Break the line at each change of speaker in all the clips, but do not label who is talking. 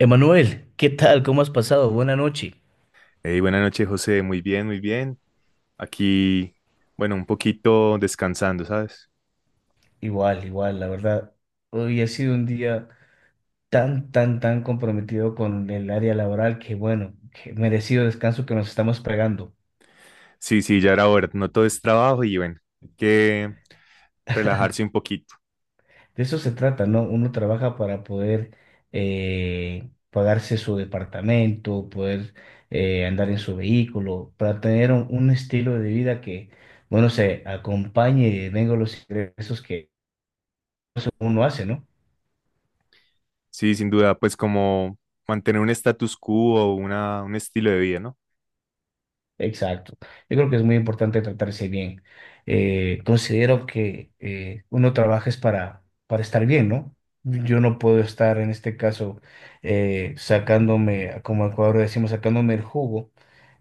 Emanuel, ¿qué tal? ¿Cómo has pasado? Buena noche.
Hey, buenas noches, José. Muy bien, muy bien. Aquí, bueno, un poquito descansando, ¿sabes?
Igual, igual, la verdad. Hoy ha sido un día tan, tan, tan comprometido con el área laboral bueno, que merecido descanso que nos estamos pegando.
Sí, sí, ya era hora. No todo es trabajo y bueno, hay que relajarse un poquito.
De eso se trata, ¿no? Uno trabaja para poder pagarse su departamento, poder andar en su vehículo, para tener un estilo de vida que, bueno, se acompañe y venga los ingresos que uno hace, ¿no?
Sí, sin duda, pues como mantener un status quo o un estilo de vida, ¿no?
Exacto. Yo creo que es muy importante tratarse bien. Considero que uno trabaja es para estar bien, ¿no? Yo no puedo estar en este caso sacándome, como en Ecuador decimos, sacándome el jugo,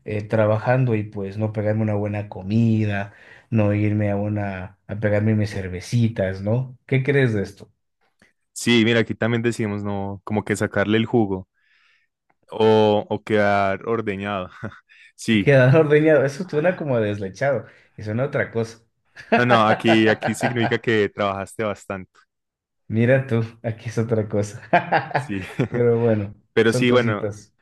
trabajando y pues no pegarme una buena comida, no irme a pegarme mis cervecitas, ¿no? ¿Qué crees de esto?
Sí, mira, aquí también decimos, no, como que sacarle el jugo o quedar ordeñado. Sí,
Quedar ordeñado, eso suena como a deslechado, y suena a otra cosa.
no, no, aquí significa que trabajaste bastante.
Mira tú, aquí es otra cosa.
Sí,
Pero bueno,
pero
son
sí, bueno.
cositas.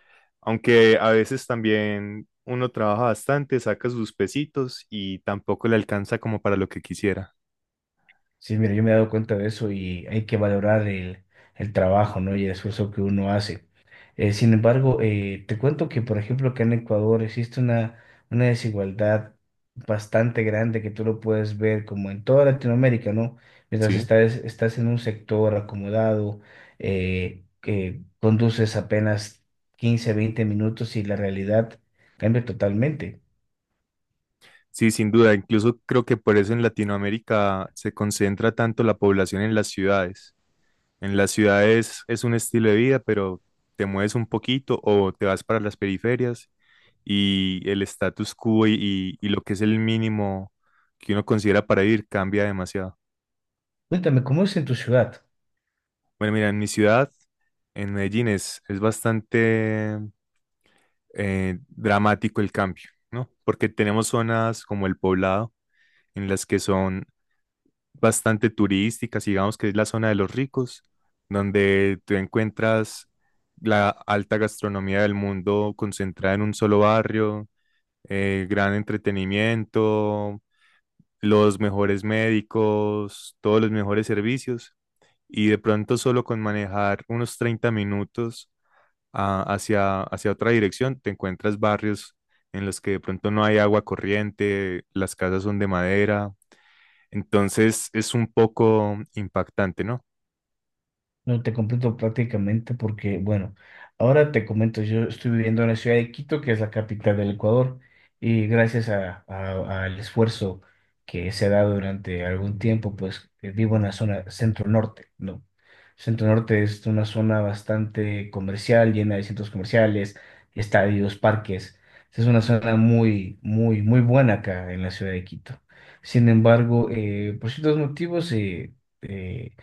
Aunque a veces también uno trabaja bastante, saca sus pesitos y tampoco le alcanza como para lo que quisiera.
Sí, mira, yo me he dado cuenta de eso y hay que valorar el trabajo, ¿no? Y el esfuerzo que uno hace. Sin embargo, te cuento que, por ejemplo, acá en Ecuador existe una desigualdad bastante grande que tú lo puedes ver como en toda Latinoamérica, ¿no? Mientras
Sí,
estás en un sector acomodado, que conduces apenas 15, 20 minutos y la realidad cambia totalmente.
sí, sin duda. Incluso creo que por eso en Latinoamérica se concentra tanto la población en las ciudades. En las ciudades es un estilo de vida, pero te mueves un poquito o te vas para las periferias y el status quo y, y lo que es el mínimo que uno considera para vivir cambia demasiado.
Cuéntame, ¿cómo es en tu ciudad?
Bueno, mira, en mi ciudad, en Medellín, es bastante dramático el cambio, ¿no? Porque tenemos zonas como el Poblado, en las que son bastante turísticas, digamos que es la zona de los ricos, donde tú encuentras la alta gastronomía del mundo concentrada en un solo barrio, gran entretenimiento, los mejores médicos, todos los mejores servicios, y de pronto solo con manejar unos 30 minutos hacia otra dirección, te encuentras barrios en los que de pronto no hay agua corriente, las casas son de madera, entonces es un poco impactante, ¿no?
No te comprendo prácticamente porque, bueno, ahora te comento, yo estoy viviendo en la ciudad de Quito, que es la capital del Ecuador, y gracias al esfuerzo que se ha dado durante algún tiempo, pues vivo en la zona centro-norte, ¿no? Centro-norte es una zona bastante comercial, llena de centros comerciales, estadios, parques. Es una zona muy, muy, muy buena acá en la ciudad de Quito. Sin embargo, por ciertos motivos, eh,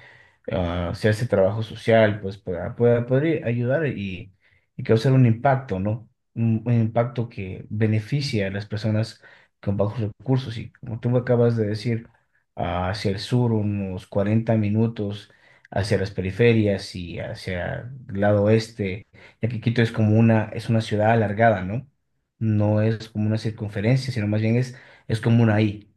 hacer ese trabajo social, pues para poder ayudar y causar un impacto, ¿no? Un impacto que beneficie a las personas con bajos recursos. Y como tú me acabas de decir, hacia el sur unos 40 minutos, hacia las periferias y hacia el lado oeste, ya que Quito es como una ciudad alargada, ¿no? No es como una circunferencia, sino más bien es como una I,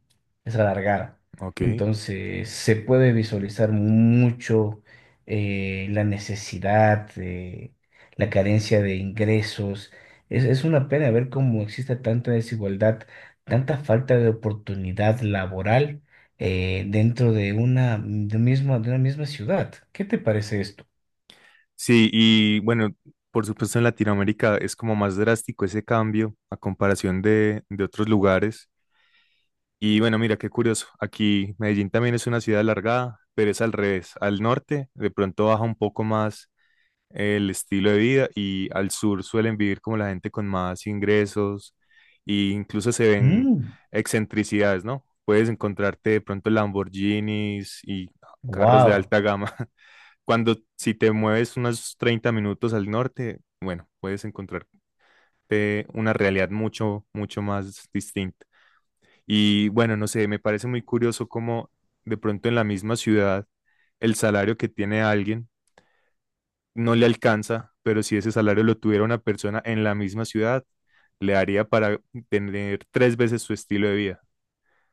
es alargada.
Ok.
Entonces se puede visualizar mucho la necesidad, la carencia de ingresos. Es una pena ver cómo existe tanta desigualdad, tanta falta de oportunidad laboral dentro de una misma ciudad. ¿Qué te parece esto?
Sí, y bueno, por supuesto en Latinoamérica es como más drástico ese cambio a comparación de otros lugares. Y bueno, mira, qué curioso. Aquí Medellín también es una ciudad alargada, pero es al revés. Al norte de pronto baja un poco más el estilo de vida y al sur suelen vivir como la gente con más ingresos e incluso se ven excentricidades, ¿no? Puedes encontrarte de pronto Lamborghinis y carros de
Wow,
alta gama. Cuando si te mueves unos 30 minutos al norte, bueno, puedes encontrarte una realidad mucho, mucho más distinta. Y bueno, no sé, me parece muy curioso cómo de pronto en la misma ciudad el salario que tiene alguien no le alcanza, pero si ese salario lo tuviera una persona en la misma ciudad, le haría para tener tres veces su estilo de vida.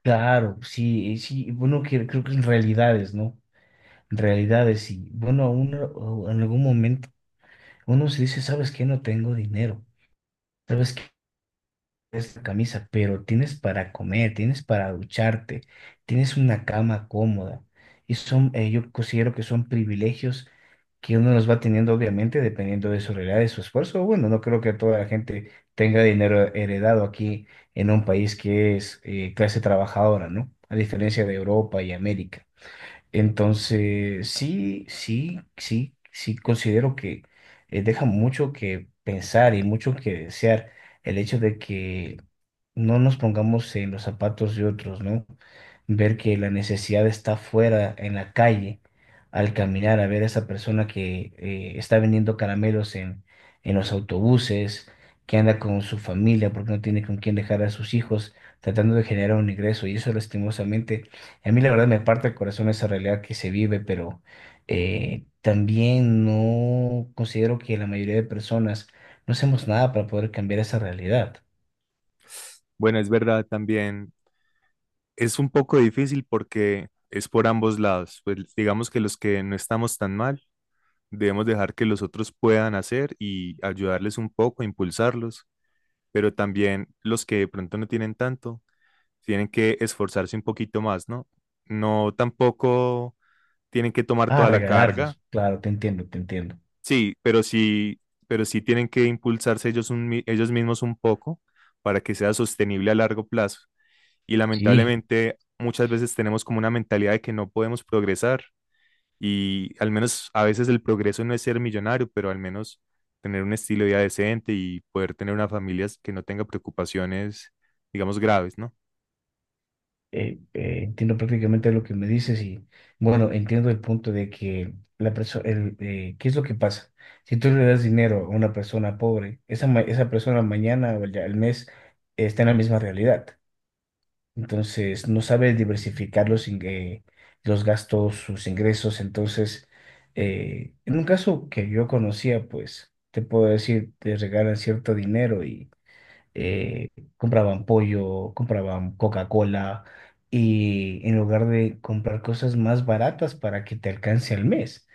claro, sí, sí, bueno, creo que en realidades, ¿no? En realidades, sí. Bueno, o en algún momento. Uno se dice, ¿sabes qué? No tengo dinero, ¿sabes qué? Esta camisa, pero tienes para comer, tienes para ducharte, tienes una cama cómoda. Y son, yo considero que son privilegios que uno los va teniendo, obviamente, dependiendo de su realidad, de su esfuerzo. Bueno, no creo que toda la gente tenga dinero heredado aquí en un país que es clase trabajadora, ¿no? A diferencia de Europa y América. Entonces, sí, sí, sí, sí considero que deja mucho que pensar y mucho que desear el hecho de que no nos pongamos en los zapatos de otros, ¿no? Ver que la necesidad está fuera, en la calle, al caminar, a ver a esa persona que está vendiendo caramelos en los autobuses, que anda con su familia porque no tiene con quién dejar a sus hijos, tratando de generar un ingreso. Y eso lastimosamente a mí la verdad me parte el corazón esa realidad que se vive, pero también no considero que la mayoría de personas no hacemos nada para poder cambiar esa realidad.
Bueno, es verdad también, es un poco difícil porque es por ambos lados. Pues digamos que los que no estamos tan mal, debemos dejar que los otros puedan hacer y ayudarles un poco, impulsarlos, pero también los que de pronto no tienen tanto tienen que esforzarse un poquito más, ¿no? No tampoco tienen que tomar
Ah,
toda la carga,
regalarlos, claro, te entiendo, te entiendo.
sí, pero sí, pero sí tienen que impulsarse ellos, ellos mismos un poco para que sea sostenible a largo plazo. Y
Sí,
lamentablemente muchas veces tenemos como una mentalidad de que no podemos progresar y al menos a veces el progreso no es ser millonario, pero al menos tener un estilo de vida decente y poder tener una familia que no tenga preocupaciones, digamos, graves, ¿no?
entiendo prácticamente lo que me dices y bueno, entiendo el punto de que la persona, ¿qué es lo que pasa? Si tú le das dinero a una persona pobre, esa persona mañana o el mes está en la misma realidad. Entonces, no sabe diversificar los gastos, sus ingresos. Entonces, en un caso que yo conocía, pues, te puedo decir, te regalan cierto dinero eh, compraban pollo, compraban Coca-Cola y en lugar de comprar cosas más baratas para que te alcance al mes.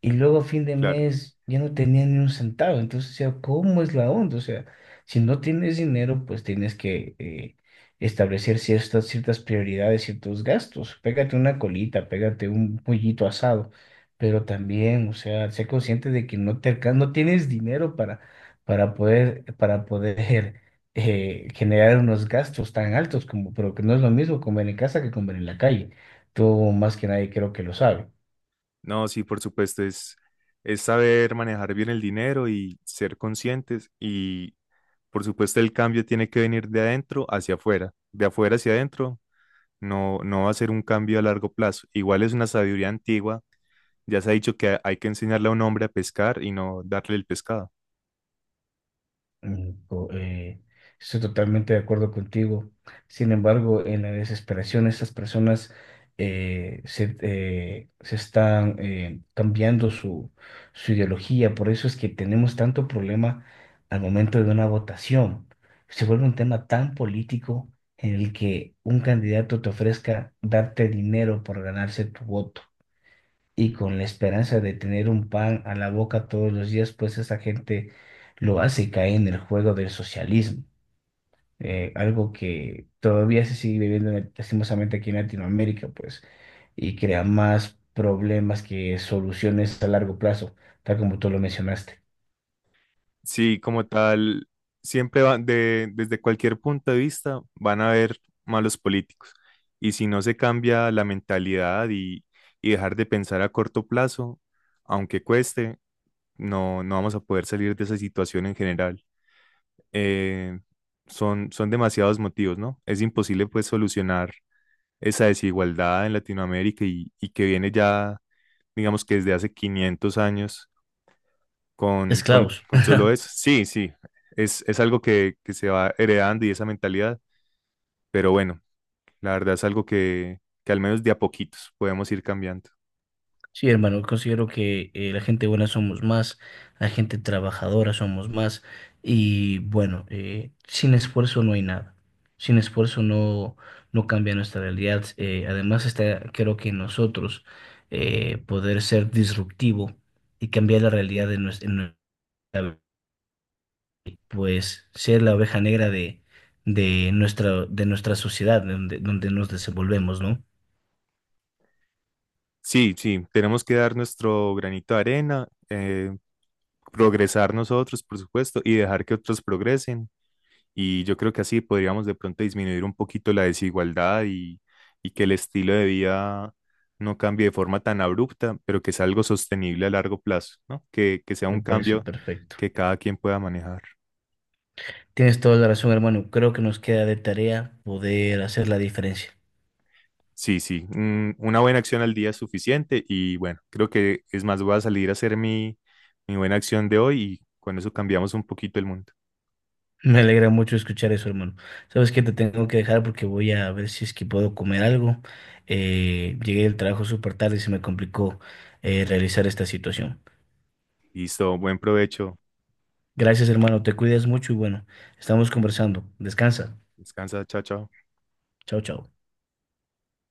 Y luego a fin de
Claro.
mes ya no tenía ni un centavo. Entonces, o sea, ¿cómo es la onda? O sea, si no tienes dinero, pues tienes que establecer ciertas prioridades, ciertos gastos. Pégate una colita, pégate un pollito asado. Pero también, o sea, sé consciente de que no tienes dinero para poder generar unos gastos tan altos como, pero que no es lo mismo comer en casa que comer en la calle. Tú más que nadie creo que lo sabes.
No, sí, por supuesto, es saber manejar bien el dinero y ser conscientes y por supuesto el cambio tiene que venir de adentro hacia afuera, de afuera hacia adentro, no, no va a ser un cambio a largo plazo. Igual es una sabiduría antigua, ya se ha dicho que hay que enseñarle a un hombre a pescar y no darle el pescado.
Mm, co- eh, Estoy totalmente de acuerdo contigo. Sin embargo, en la desesperación, estas personas se están cambiando su ideología. Por eso es que tenemos tanto problema al momento de una votación. Se vuelve un tema tan político en el que un candidato te ofrezca darte dinero por ganarse tu voto y con la esperanza de tener un pan a la boca todos los días, pues esa gente lo hace y cae en el juego del socialismo, algo que todavía se sigue viviendo lastimosamente aquí en Latinoamérica, pues, y crea más problemas que soluciones a largo plazo, tal como tú lo mencionaste.
Sí, como tal, siempre van desde cualquier punto de vista van a haber malos políticos. Y si no se cambia la mentalidad y dejar de pensar a corto plazo, aunque cueste, no, no vamos a poder salir de esa situación en general. Eh, son, son demasiados motivos, ¿no? Es imposible pues solucionar esa desigualdad en Latinoamérica y que viene ya, digamos que desde hace 500 años
Esclavos.
con solo eso. Sí, sí, es algo que se va heredando y esa mentalidad, pero bueno, la verdad es algo que al menos de a poquitos podemos ir cambiando.
Sí, hermano, considero que la gente buena somos más, la gente trabajadora somos más y bueno, sin esfuerzo no hay nada, sin esfuerzo no cambia nuestra realidad. Además está, creo que en nosotros poder ser disruptivo y cambiar la realidad en nuestra, pues ser la oveja negra de, de nuestra sociedad, donde nos desenvolvemos, ¿no?
Sí, sí, tenemos que dar nuestro granito de arena, progresar nosotros, por supuesto, y dejar que otros progresen. Y yo creo que así podríamos de pronto disminuir un poquito la desigualdad y que el estilo de vida no cambie de forma tan abrupta, pero que sea algo sostenible a largo plazo, ¿no? Que sea
Me
un
parece
cambio
perfecto.
que cada quien pueda manejar.
Tienes toda la razón, hermano. Creo que nos queda de tarea poder hacer la diferencia.
Sí, sí, una buena acción al día es suficiente y bueno, creo que es más, voy a salir a hacer mi, mi buena acción de hoy y con eso cambiamos un poquito el mundo.
Me alegra mucho escuchar eso, hermano. Sabes que te tengo que dejar porque voy a ver si es que puedo comer algo. Llegué del trabajo súper tarde y se me complicó realizar esta situación.
Listo, buen provecho.
Gracias, hermano. Te cuidas mucho y bueno, estamos conversando. Descansa.
Descansa, chao, chao.
Chao, chao.